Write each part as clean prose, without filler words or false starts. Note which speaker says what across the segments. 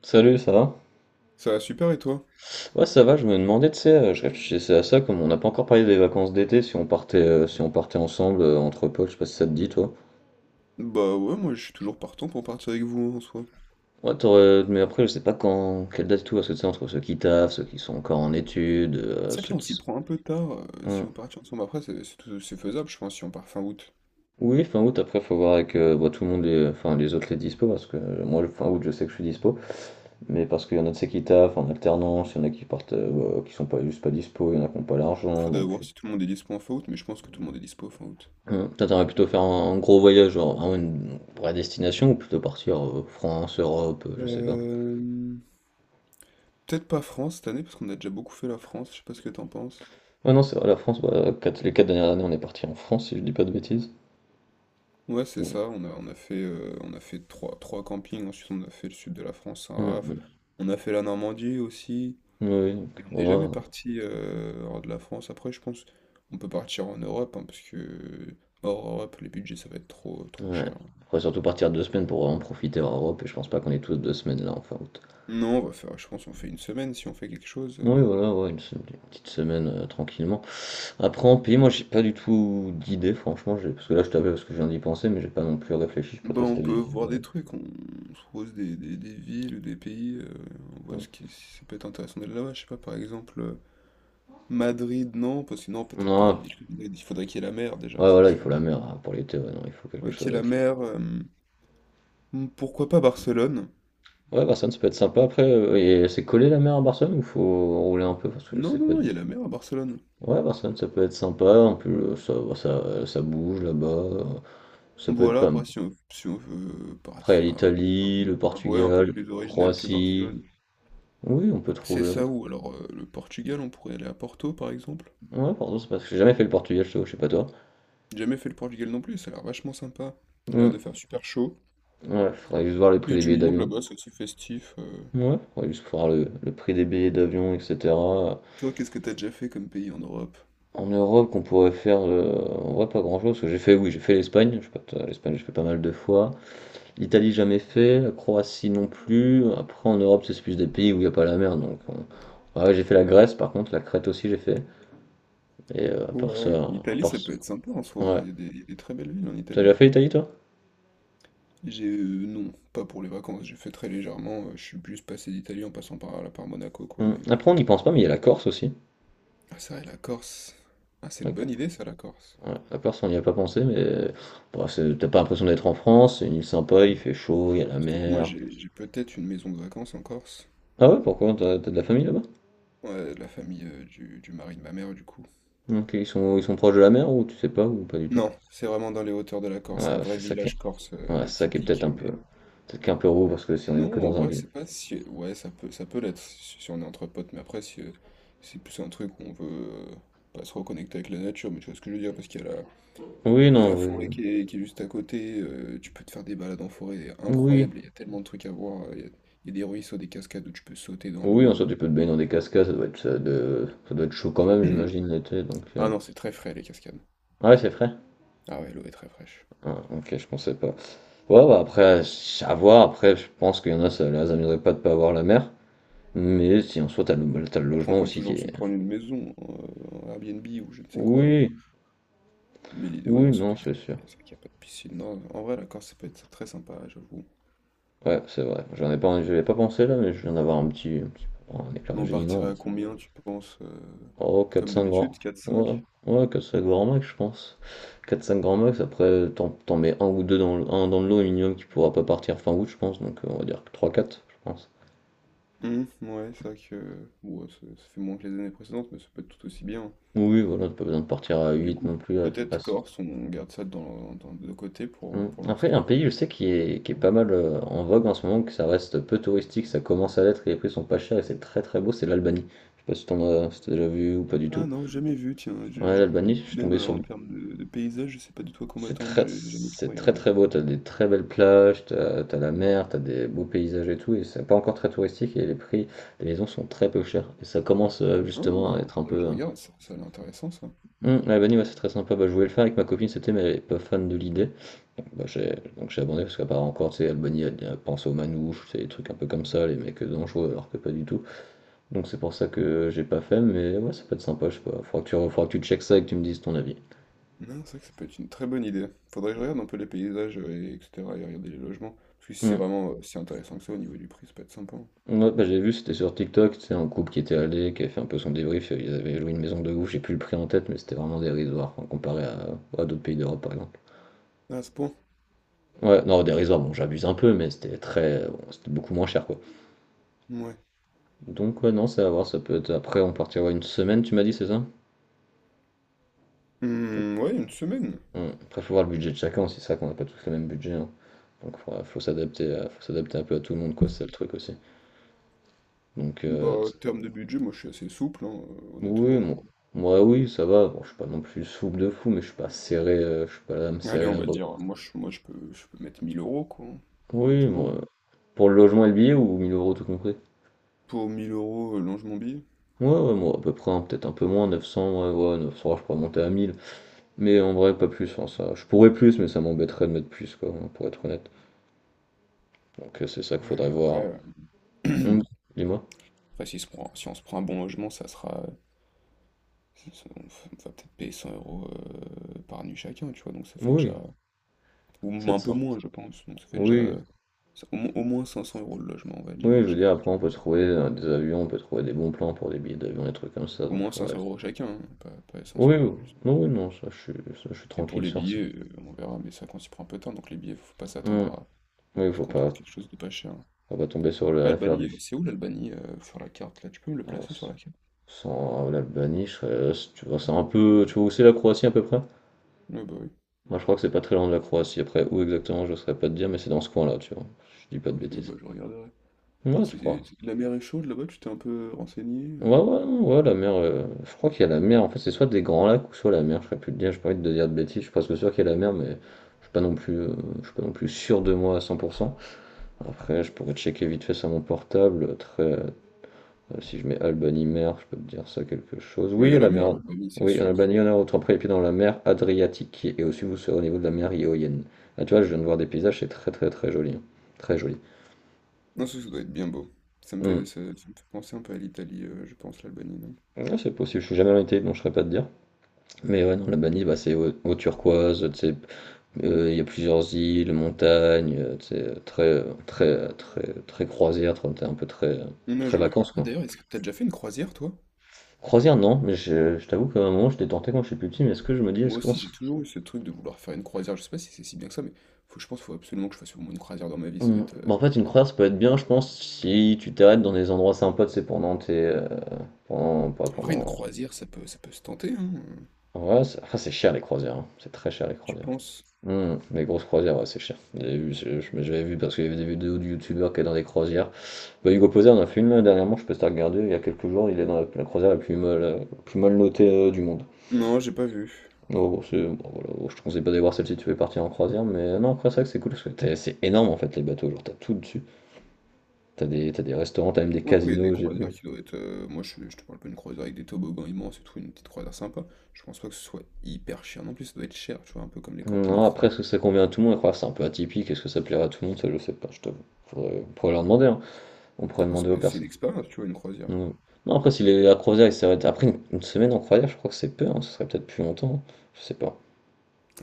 Speaker 1: Salut, ça va?
Speaker 2: Ça va super et toi?
Speaker 1: Ouais, ça va, je me demandais, tu sais, je réfléchissais à ça, comme on n'a pas encore parlé des vacances d'été, si on partait si on partait ensemble entre potes, je sais pas si ça te dit, toi.
Speaker 2: Ouais, moi je suis toujours partant pour partir avec vous hein, en soi.
Speaker 1: Ouais, mais après, je sais pas quand, quelle date et tout, parce que tu sais, entre ceux qui taffent, ceux qui sont encore en études,
Speaker 2: C'est vrai que
Speaker 1: ceux
Speaker 2: là on
Speaker 1: qui
Speaker 2: s'y
Speaker 1: sont...
Speaker 2: prend un peu tard,
Speaker 1: Hmm.
Speaker 2: si on partit ensemble. Après c'est faisable je pense si on part fin août.
Speaker 1: Oui, fin août, après, faut voir avec bah, tout le monde, les, enfin, les autres les dispo, parce que moi, le fin août, je sais que je suis dispo, mais parce qu'il y en a de ceux qui taffent en alternance, il y en a qui partent, bah, qui sont pas juste pas dispo, il y en a qui n'ont pas l'argent,
Speaker 2: Faudrait
Speaker 1: donc...
Speaker 2: voir si tout le monde est dispo en fin août, mais je pense que tout le monde est dispo fin août.
Speaker 1: Mmh. Toi, t'aimerais plutôt faire un gros voyage, genre vraiment une vraie destination, ou plutôt partir France, Europe, je sais pas.
Speaker 2: Euh... Peut-être pas France cette année parce qu'on a déjà beaucoup fait la France, je sais pas ce que t'en penses.
Speaker 1: Ouais, non, c'est vrai, la France, bah, les quatre dernières années, on est parti en France, si je dis pas de bêtises.
Speaker 2: Ouais c'est
Speaker 1: Mmh.
Speaker 2: ça, on a fait trois campings, ensuite on a fait le sud de la France,
Speaker 1: Mmh,
Speaker 2: Saint-Raph.
Speaker 1: mmh.
Speaker 2: On a fait la Normandie aussi.
Speaker 1: Oui,
Speaker 2: Et
Speaker 1: donc,
Speaker 2: on n'est jamais
Speaker 1: ouais,
Speaker 2: parti hors de la France. Après, je pense on peut partir en Europe, hein, parce que hors Europe, les budgets, ça va être trop, trop
Speaker 1: ouais.
Speaker 2: cher, hein.
Speaker 1: Faudrait surtout partir deux semaines pour vraiment profiter hors Europe, et je pense pas qu'on est tous deux semaines là en fin août.
Speaker 2: Non, on va faire, je pense, on fait une semaine si on fait quelque chose,
Speaker 1: Oui, voilà, ouais, une petite semaine tranquillement. Après, en pays, moi, j'ai pas du tout d'idée, franchement, parce que là, je t'appelle parce que je viens d'y penser, mais j'ai pas non plus réfléchi, je sais pas toi si
Speaker 2: On
Speaker 1: t'as des
Speaker 2: peut voir
Speaker 1: idées.
Speaker 2: des trucs, on se pose des villes ou des pays, on
Speaker 1: Ouais.
Speaker 2: voit ce qui, si ça peut être intéressant d'aller là-bas. Je sais pas, par exemple, Madrid, non, parce que non, peut-être pas une
Speaker 1: Non,
Speaker 2: ville comme Madrid. Il faudrait qu'il y ait la mer déjà.
Speaker 1: ouais, voilà, il faut la mer hein, pour l'été, ouais, non, il faut quelque
Speaker 2: Faudrait
Speaker 1: chose
Speaker 2: qu'il y ait la
Speaker 1: avec ça.
Speaker 2: mer. Pourquoi pas Barcelone?
Speaker 1: Ouais, Barcelone, ça peut être sympa après. Et c'est collé la mer à Barcelone ou faut rouler un peu parce que je
Speaker 2: Non,
Speaker 1: sais
Speaker 2: non,
Speaker 1: pas.
Speaker 2: non,
Speaker 1: du-
Speaker 2: il y a la mer à Barcelone.
Speaker 1: Ouais, Barcelone, ça peut être sympa. En plus, ça bouge là-bas. Ça peut être
Speaker 2: Voilà,
Speaker 1: pas mal.
Speaker 2: après, si on veut paraître
Speaker 1: Après, il y a
Speaker 2: faire un
Speaker 1: l'Italie,
Speaker 2: peu,
Speaker 1: le
Speaker 2: ouais, un peu
Speaker 1: Portugal,
Speaker 2: plus original que
Speaker 1: Croatie.
Speaker 2: Barcelone.
Speaker 1: Oui, on peut
Speaker 2: C'est
Speaker 1: trouver.
Speaker 2: ça ou alors, le Portugal, on pourrait aller à Porto par exemple.
Speaker 1: Ouais, pardon, c'est parce que j'ai jamais fait le Portugal, je t'avoue, je sais pas toi.
Speaker 2: J'ai jamais fait le Portugal non plus, ça a l'air vachement sympa. Il a l'air
Speaker 1: Hmm,
Speaker 2: de faire super chaud.
Speaker 1: ouais, faudrait juste voir les
Speaker 2: Il y
Speaker 1: prix
Speaker 2: a
Speaker 1: des
Speaker 2: du
Speaker 1: billets
Speaker 2: monde
Speaker 1: d'avion.
Speaker 2: là-bas, c'est assez festif.
Speaker 1: Ouais, faudrait juste voir le prix des billets d'avion, etc.
Speaker 2: Toi, qu'est-ce que t'as déjà fait comme pays en Europe?
Speaker 1: En Europe, qu'on pourrait faire, en vrai, pas grand-chose, parce que j'ai fait, oui, j'ai fait l'Espagne. Je sais pas, toi, l'Espagne, j'ai fait pas mal de fois. L'Italie, jamais fait. La Croatie non plus. Après, en Europe, c'est plus des pays où il n'y a pas la mer. Ouais, j'ai fait la Grèce, par contre, la Crète aussi, j'ai fait. Et à part
Speaker 2: Ouais.
Speaker 1: ça, à
Speaker 2: L'Italie,
Speaker 1: part
Speaker 2: ça
Speaker 1: ça-
Speaker 2: peut être sympa en soi, hein.
Speaker 1: ouais.
Speaker 2: Il y a des très belles villes en
Speaker 1: T'as déjà
Speaker 2: Italie.
Speaker 1: fait l'Italie, toi?
Speaker 2: Non, pas pour les vacances, j'ai fait très légèrement, je suis plus passé d'Italie en passant par, là par Monaco, quoi,
Speaker 1: Hum.
Speaker 2: mais...
Speaker 1: Après, on n'y pense pas, mais il y a la Corse aussi.
Speaker 2: Ah, c'est vrai, la Corse. Ah, c'est une
Speaker 1: D'accord.
Speaker 2: bonne idée, ça, la Corse.
Speaker 1: Ouais, la Corse, on n'y a pas pensé, mais t'as pas l'impression d'être en France. C'est une île sympa, il fait chaud, il y a la
Speaker 2: Surtout que moi,
Speaker 1: mer.
Speaker 2: j'ai peut-être une maison de vacances en Corse.
Speaker 1: Ah ouais, pourquoi? T'as de la famille là-bas?
Speaker 2: Ouais, la famille du mari de ma mère, du coup.
Speaker 1: Ok, ils sont proches de la mer ou tu sais pas ou pas du tout?
Speaker 2: Non, c'est vraiment dans les hauteurs de la Corse, un
Speaker 1: Ouais,
Speaker 2: vrai
Speaker 1: c'est ça qui est,
Speaker 2: village corse,
Speaker 1: ouais, c'est ça qui est peut-être
Speaker 2: typique.
Speaker 1: un peu,
Speaker 2: Mais
Speaker 1: peut-être qu'un peu roux parce que si on est que
Speaker 2: non, en
Speaker 1: dans un
Speaker 2: vrai,
Speaker 1: ville.
Speaker 2: c'est pas si. Ouais, ça peut l'être si on est entre potes, mais après, si, c'est plus un truc où on veut, euh, pas se reconnecter avec la nature. Mais tu vois ce que je veux dire, parce qu'il y a la,
Speaker 1: Oui,
Speaker 2: il y a
Speaker 1: non,
Speaker 2: la
Speaker 1: oui,
Speaker 2: forêt qui est juste à côté, tu peux te faire des balades en forêt
Speaker 1: oui,
Speaker 2: incroyables, il y a tellement de trucs à voir, il y a des ruisseaux, des cascades où tu peux sauter dans
Speaker 1: oui, en soi
Speaker 2: l'eau.
Speaker 1: tu peux te baigner dans des cascades, ça doit être, ça doit être chaud quand même, j'imagine l'été, donc.
Speaker 2: Ah non, c'est très frais les cascades.
Speaker 1: Ah ouais, c'est frais?
Speaker 2: Ah ouais, l'eau est très fraîche.
Speaker 1: Ah, ok, je pensais pas. Ouais, bah après, à voir, après, je pense qu'il y en a, ça les amuserait pas de pas avoir la mer, mais si en soi t'as t'as le
Speaker 2: Après, on
Speaker 1: logement
Speaker 2: peut
Speaker 1: aussi qui
Speaker 2: toujours se
Speaker 1: est.
Speaker 2: prendre une maison, un Airbnb ou je ne sais quoi.
Speaker 1: Oui,
Speaker 2: Mais l'idée, ouais, non,
Speaker 1: oui,
Speaker 2: surtout
Speaker 1: non, c'est sûr.
Speaker 2: c'est vrai qu'il y a pas de piscine. Non, en vrai, la Corse, ça peut être très sympa, j'avoue.
Speaker 1: Ouais, c'est vrai. J'en ai pas, je avais pas pensé là, mais je viens d'avoir un éclair
Speaker 2: Nous,
Speaker 1: de
Speaker 2: on
Speaker 1: génie, non.
Speaker 2: partirait à combien, tu penses,
Speaker 1: Oh, quatre
Speaker 2: comme
Speaker 1: cinq grands.
Speaker 2: d'habitude, quatre
Speaker 1: Ouais,
Speaker 2: cinq.
Speaker 1: ouais, quatre cinq grands max, je pense. Quatre cinq grands max, après, t'en mets un ou deux dans le, un dans le lot au minimum qui pourra pas partir fin août, je pense. Donc, on va dire trois quatre je pense.
Speaker 2: Ouais, c'est vrai que ouais, ça fait moins que les années précédentes, mais ça peut être tout aussi bien.
Speaker 1: Oui, voilà, t'as pas besoin de partir à
Speaker 2: Du
Speaker 1: 8
Speaker 2: coup,
Speaker 1: non plus.
Speaker 2: peut-être Corse, on garde ça de côté
Speaker 1: Hmm.
Speaker 2: pour
Speaker 1: Après, un
Speaker 2: l'instant.
Speaker 1: pays, je sais, qui est pas mal en vogue en ce moment, que ça reste peu touristique, ça commence à l'être et les prix sont pas chers et c'est très très beau, c'est l'Albanie. Je sais pas si t'as déjà vu ou pas du tout.
Speaker 2: Ah, non, jamais vu, tiens.
Speaker 1: Ouais, l'Albanie, je suis
Speaker 2: Même,
Speaker 1: tombé
Speaker 2: en
Speaker 1: sur.
Speaker 2: termes de paysage, je sais pas du tout à quoi m'attendre, j'ai jamais trop
Speaker 1: C'est très
Speaker 2: regardé.
Speaker 1: très beau, t'as des très belles plages, t'as la mer, t'as des beaux paysages et tout, et c'est pas encore très touristique et les prix, des maisons sont très peu chers. Et ça commence
Speaker 2: Ah,
Speaker 1: justement à être
Speaker 2: faudrait
Speaker 1: un
Speaker 2: que je
Speaker 1: peu.
Speaker 2: regarde, ça a l'air intéressant ça.
Speaker 1: Albanie, ouais, c'est très sympa. Bah, je voulais le faire avec ma copine, c'était, mais elle est pas fan de l'idée. Donc j'ai abandonné parce qu'apparemment encore, tu sais, Albanie, elle pense aux manouches, c'est des trucs un peu comme ça, les mecs dangereux, alors que pas du tout. Donc c'est pour ça que j'ai pas fait, mais ouais, ça peut être sympa, je sais pas. Faudra faudra que tu checkes ça et que tu me dises ton avis.
Speaker 2: Non, c'est vrai que ça peut être une très bonne idée. Faudrait que je regarde un peu les paysages, et, etc., et regarder les logements. Parce que si c'est
Speaker 1: Hum,
Speaker 2: vraiment, si intéressant que ça au niveau du prix, ça peut être sympa, hein.
Speaker 1: Ouais, bah, j'ai vu, c'était sur TikTok, c'est un couple qui était allé, qui avait fait un peu son débrief, ils avaient loué une maison de ouf, j'ai plus le prix en tête, mais c'était vraiment dérisoire, enfin, comparé à d'autres pays d'Europe par exemple.
Speaker 2: Ah, à ce point?
Speaker 1: Ouais, non, dérisoire, bon, j'abuse un peu, mais c'était très, bon, c'était beaucoup moins cher quoi.
Speaker 2: Ouais.
Speaker 1: Donc, ouais, non, c'est à voir, ça peut être après, on partira une semaine, tu m'as dit, c'est ça?
Speaker 2: Hmm, ouais, une semaine.
Speaker 1: Après, faut voir le budget de chacun, c'est ça qu'on n'a pas tous le même budget, hein. Donc, faut s'adapter un peu à tout le monde, quoi, c'est ça le truc aussi. Donc,
Speaker 2: Bah, En termes de budget, moi je suis assez souple, hein,
Speaker 1: oui,
Speaker 2: honnêtement.
Speaker 1: bon, moi, oui, ça va, bon, je suis pas non plus souple de fou, mais je suis pas serré, je suis pas là à me
Speaker 2: Allez,
Speaker 1: serrer
Speaker 2: on
Speaker 1: la
Speaker 2: va dire, moi, je peux mettre 1000 euros, quoi, hein.
Speaker 1: Oui,
Speaker 2: Honnêtement,
Speaker 1: moi. Pour le logement et le billet ou 1000 euros tout compris?
Speaker 2: pour 1000 euros, longe mon billet.
Speaker 1: Ouais, ouais, moi, à peu près, hein, peut-être un peu moins, 900, ouais, ouais, 900, je pourrais monter à 1000. Mais en vrai, pas plus, hein, ça. Je pourrais plus, mais ça m'embêterait de mettre plus, quoi, hein, pour être honnête. Donc, c'est ça qu'il
Speaker 2: Ouais,
Speaker 1: faudrait voir.
Speaker 2: après, euh,
Speaker 1: Hum, Dis-moi.
Speaker 2: après, si on se prend un bon logement, ça sera. On on va peut-être payer 100 euros, par nuit chacun, tu vois, donc ça fait déjà.
Speaker 1: Oui,
Speaker 2: Ou un peu
Speaker 1: 700.
Speaker 2: moins, je pense. Donc ça fait déjà.
Speaker 1: Oui,
Speaker 2: euh, Au moins 500 euros le logement, on va dire,
Speaker 1: oui, je
Speaker 2: à
Speaker 1: veux dire,
Speaker 2: chacun.
Speaker 1: après, on peut trouver des avions, on peut trouver des bons plans pour des billets d'avion, des trucs comme ça,
Speaker 2: Au
Speaker 1: donc
Speaker 2: moins cinq
Speaker 1: faudrait.
Speaker 2: cents euros chacun, hein, pas 500
Speaker 1: Oui,
Speaker 2: euros
Speaker 1: oui,
Speaker 2: juste.
Speaker 1: non, oui, non, ça, je suis
Speaker 2: Et pour
Speaker 1: tranquille
Speaker 2: les
Speaker 1: sur ça.
Speaker 2: billets, on verra, mais ça quand il prend un peu de temps, donc les billets, faut pas
Speaker 1: Hum,
Speaker 2: s'attendre
Speaker 1: Oui,
Speaker 2: à ce qu'on trouve quelque chose de pas cher.
Speaker 1: faut pas tomber sur à
Speaker 2: Ouais,
Speaker 1: l'affaire
Speaker 2: Albanie,
Speaker 1: du.
Speaker 2: c'est où l'Albanie, sur la carte là? Tu peux me le placer sur
Speaker 1: Silence.
Speaker 2: la carte?
Speaker 1: Sans l'Albanie, je serais tu vois, c'est un peu tu vois où c'est la Croatie à peu près?
Speaker 2: Ouais, bah oui.
Speaker 1: Moi, je crois que c'est pas très loin de la Croatie, après où exactement, je ne saurais pas te dire, mais c'est dans ce coin-là, tu vois, je dis pas de
Speaker 2: Ok,
Speaker 1: bêtises.
Speaker 2: bah je regarderai. Non,
Speaker 1: Ouais, tu crois.
Speaker 2: la mer est chaude là-bas, tu t'es un peu renseigné, euh?
Speaker 1: Ouais, ouais, non, ouais, la mer, je crois qu'il y a la mer, en fait, c'est soit des grands lacs ou soit la mer, je serais plus te dire, je pas envie de te dire de bêtises, je suis presque sûr qu'il y a la mer, mais je suis pas non plus, je suis pas non plus sûr de moi à 100%. Après, je pourrais checker vite fait sur mon portable, très, si je mets Albanie-Mer, je peux te dire ça quelque chose.
Speaker 2: Ouais,
Speaker 1: Oui,
Speaker 2: il y a la
Speaker 1: la
Speaker 2: mer,
Speaker 1: mer.
Speaker 2: l'Albanie, c'est
Speaker 1: Oui, en
Speaker 2: sûr, ouais.
Speaker 1: Albanie, on a autant pris les pieds dans la mer Adriatique. Et aussi, vous serez au niveau de la mer Ionienne. Ah, tu vois, je viens de voir des paysages, c'est très très très joli. Hein. Très joli.
Speaker 2: Non, ça doit être bien beau.
Speaker 1: Hmm.
Speaker 2: Ça me fait penser un peu à l'Italie, je pense, l'Albanie, non?
Speaker 1: Ouais, c'est possible, je suis jamais allé en Italie, donc je ne saurais pas te dire. Mais ouais, non, l'Albanie, bah, c'est eau turquoise, tu sais, il y a plusieurs îles, montagnes, tu sais, très, très, très, très croisière, un peu très,
Speaker 2: Ouais,
Speaker 1: très
Speaker 2: je vois.
Speaker 1: vacances,
Speaker 2: Ah,
Speaker 1: quoi.
Speaker 2: d'ailleurs, est-ce que t'as déjà fait une croisière, toi?
Speaker 1: Croisière, non, mais je t'avoue qu'à un moment, j'étais tenté quand j'étais plus petit, mais est-ce que je me dis, est-ce
Speaker 2: Moi
Speaker 1: qu'on
Speaker 2: aussi,
Speaker 1: se
Speaker 2: j'ai toujours eu ce truc de vouloir faire une croisière. Je sais pas si c'est si bien que ça, mais faut, je pense qu'il faut absolument que je fasse au moins une croisière dans ma vie. Ça doit
Speaker 1: Hmm.
Speaker 2: être.
Speaker 1: Bah, en fait, une croisière, ça peut être bien, je pense, si tu t'arrêtes dans des endroits sympas, c'est pendant tes. Pendant. Pas
Speaker 2: En vrai, une
Speaker 1: pendant.
Speaker 2: croisière, ça peut se tenter, hein?
Speaker 1: Ouais, c'est cher les croisières, hein. C'est très cher les
Speaker 2: Tu
Speaker 1: croisières.
Speaker 2: penses?
Speaker 1: Hmm. Les grosses croisières, ouais, c'est cher. J'avais vu, j'avais vu parce qu'il y avait des vidéos de youtubeurs qui étaient dans des croisières. Bah, Hugo Poser en a fait une là, dernièrement, je peux te regarder, il y a quelques jours, il est dans la croisière la plus mal notée du monde.
Speaker 2: Non, j'ai pas vu.
Speaker 1: Oh, bon, voilà, bon, je te conseille pas d'aller voir celle si tu veux partir en croisière, mais non, après, c'est vrai que c'est cool parce que c'est énorme en fait les bateaux, genre t'as tout dessus. T'as des restaurants, t'as même des
Speaker 2: Ou après, il y a des
Speaker 1: casinos, j'ai
Speaker 2: croisières
Speaker 1: vu.
Speaker 2: qui doivent être, moi, je te parle pas d'une croisière avec des toboggans immenses et tout, une petite croisière sympa. Je pense pas que ce soit hyper cher. Non plus, ça doit être cher, tu vois, un peu comme les campings,
Speaker 1: Non, après,
Speaker 2: etc.
Speaker 1: est-ce que ça convient à tout le monde? Après, c'est un peu atypique. Est-ce que ça plaira à tout le monde? Ça, je sais pas, je t'avoue. Faudrait... On pourrait leur demander. Hein. On pourrait
Speaker 2: Après, c'est
Speaker 1: demander aux
Speaker 2: pas- c'est une
Speaker 1: personnes.
Speaker 2: expérience, tu vois, une croisière.
Speaker 1: Non, non, après, si les... la croisière, ils s'arrêtent. Après, une semaine en croisière, je crois que c'est peu. Hein. Ça serait peut-être plus longtemps. Hein. Je sais pas.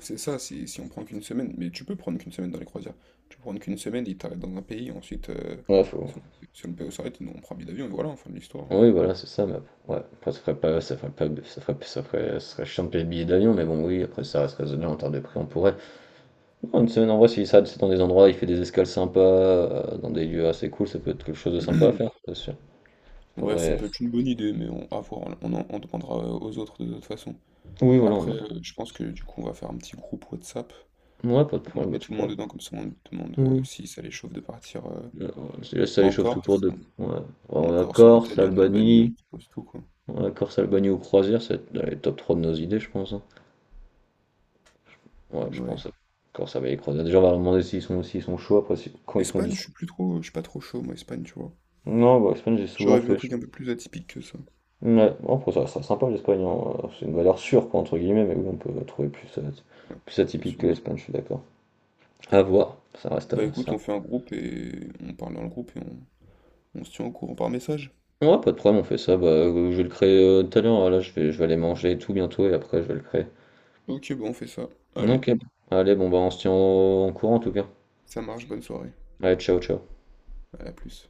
Speaker 2: C'est ça, si on prend qu'une semaine. Mais tu peux prendre qu'une semaine dans les croisières. Tu peux prendre qu'une semaine, ils t'arrêtent dans un pays, ensuite,
Speaker 1: Ouais, faut...
Speaker 2: si on, si on le paye, on s'arrête, nous, on prend un billet d'avion, et voilà, fin de l'histoire.
Speaker 1: Oui, voilà, c'est ça. Mais... Ouais, après, ça ferait pas... ça ferait pas... ça ferait... ça ferait... ça serait chiant de payer le billet d'avion. Mais bon, oui, après, ça reste raisonnable en termes de prix. On pourrait. Non, une semaine en vrai, s'il s'arrête c'est dans des endroits, il fait des escales sympas, dans des lieux assez cool, ça peut être quelque chose de sympa à faire, c'est sûr.
Speaker 2: Ouais, ça
Speaker 1: Faudrait.
Speaker 2: peut être une bonne idée, mais on, à voir, on demandera, aux autres de toute façon.
Speaker 1: Oui, voilà, on
Speaker 2: Après,
Speaker 1: demande.
Speaker 2: je pense que du coup, on va faire un petit groupe WhatsApp.
Speaker 1: Ouais, pas de
Speaker 2: Moi, je
Speaker 1: problème, bah,
Speaker 2: mets
Speaker 1: tu
Speaker 2: tout le monde
Speaker 1: pourras
Speaker 2: dedans, comme ça on demande,
Speaker 1: Oui.
Speaker 2: si ça les chauffe de partir,
Speaker 1: Alors, c'est ça les
Speaker 2: en
Speaker 1: tout court
Speaker 2: Corse,
Speaker 1: de. Ouais.
Speaker 2: en
Speaker 1: On a
Speaker 2: Corse, en
Speaker 1: Corse,
Speaker 2: Italie, en Albanie, on
Speaker 1: Albanie.
Speaker 2: propose tout quoi.
Speaker 1: Ouais, Corse, Albanie ou croisière, c'est dans les top 3 de nos idées, je pense. Hein. Ouais, je
Speaker 2: Ouais.
Speaker 1: pense. À Corse avec les croisières. Déjà, on va leur demander s'ils sont chauds après, quand ils sont
Speaker 2: Espagne,
Speaker 1: dix
Speaker 2: je suis pas trop chaud moi, Espagne, tu vois.
Speaker 1: Non, bah, l'Espagne, j'ai souvent
Speaker 2: J'aurais vu un
Speaker 1: fait. je-
Speaker 2: truc un peu plus atypique que ça.
Speaker 1: Ouais, bon, après, ça sera sympa l'Espagne. Hein. C'est une valeur sûre, quoi, entre guillemets, mais oui, on peut trouver plus,
Speaker 2: Ouais,
Speaker 1: plus
Speaker 2: c'est
Speaker 1: atypique
Speaker 2: sûr.
Speaker 1: que l'Espagne, je suis d'accord. À voir, ça reste
Speaker 2: Bah
Speaker 1: à
Speaker 2: écoute,
Speaker 1: ça.
Speaker 2: on fait un groupe et on parle dans le groupe on se tient au courant par message.
Speaker 1: Ouais, pas de problème, on fait ça. Bah, je vais le créer tout à l'heure. Là, je vais aller manger et tout bientôt et après, je vais le créer.
Speaker 2: Ok, bon, on fait ça. Allez,
Speaker 1: Ok. Allez, bon bah on se tient en courant en tout cas.
Speaker 2: ça marche, bonne soirée.
Speaker 1: Allez, ciao, ciao.
Speaker 2: À la plus.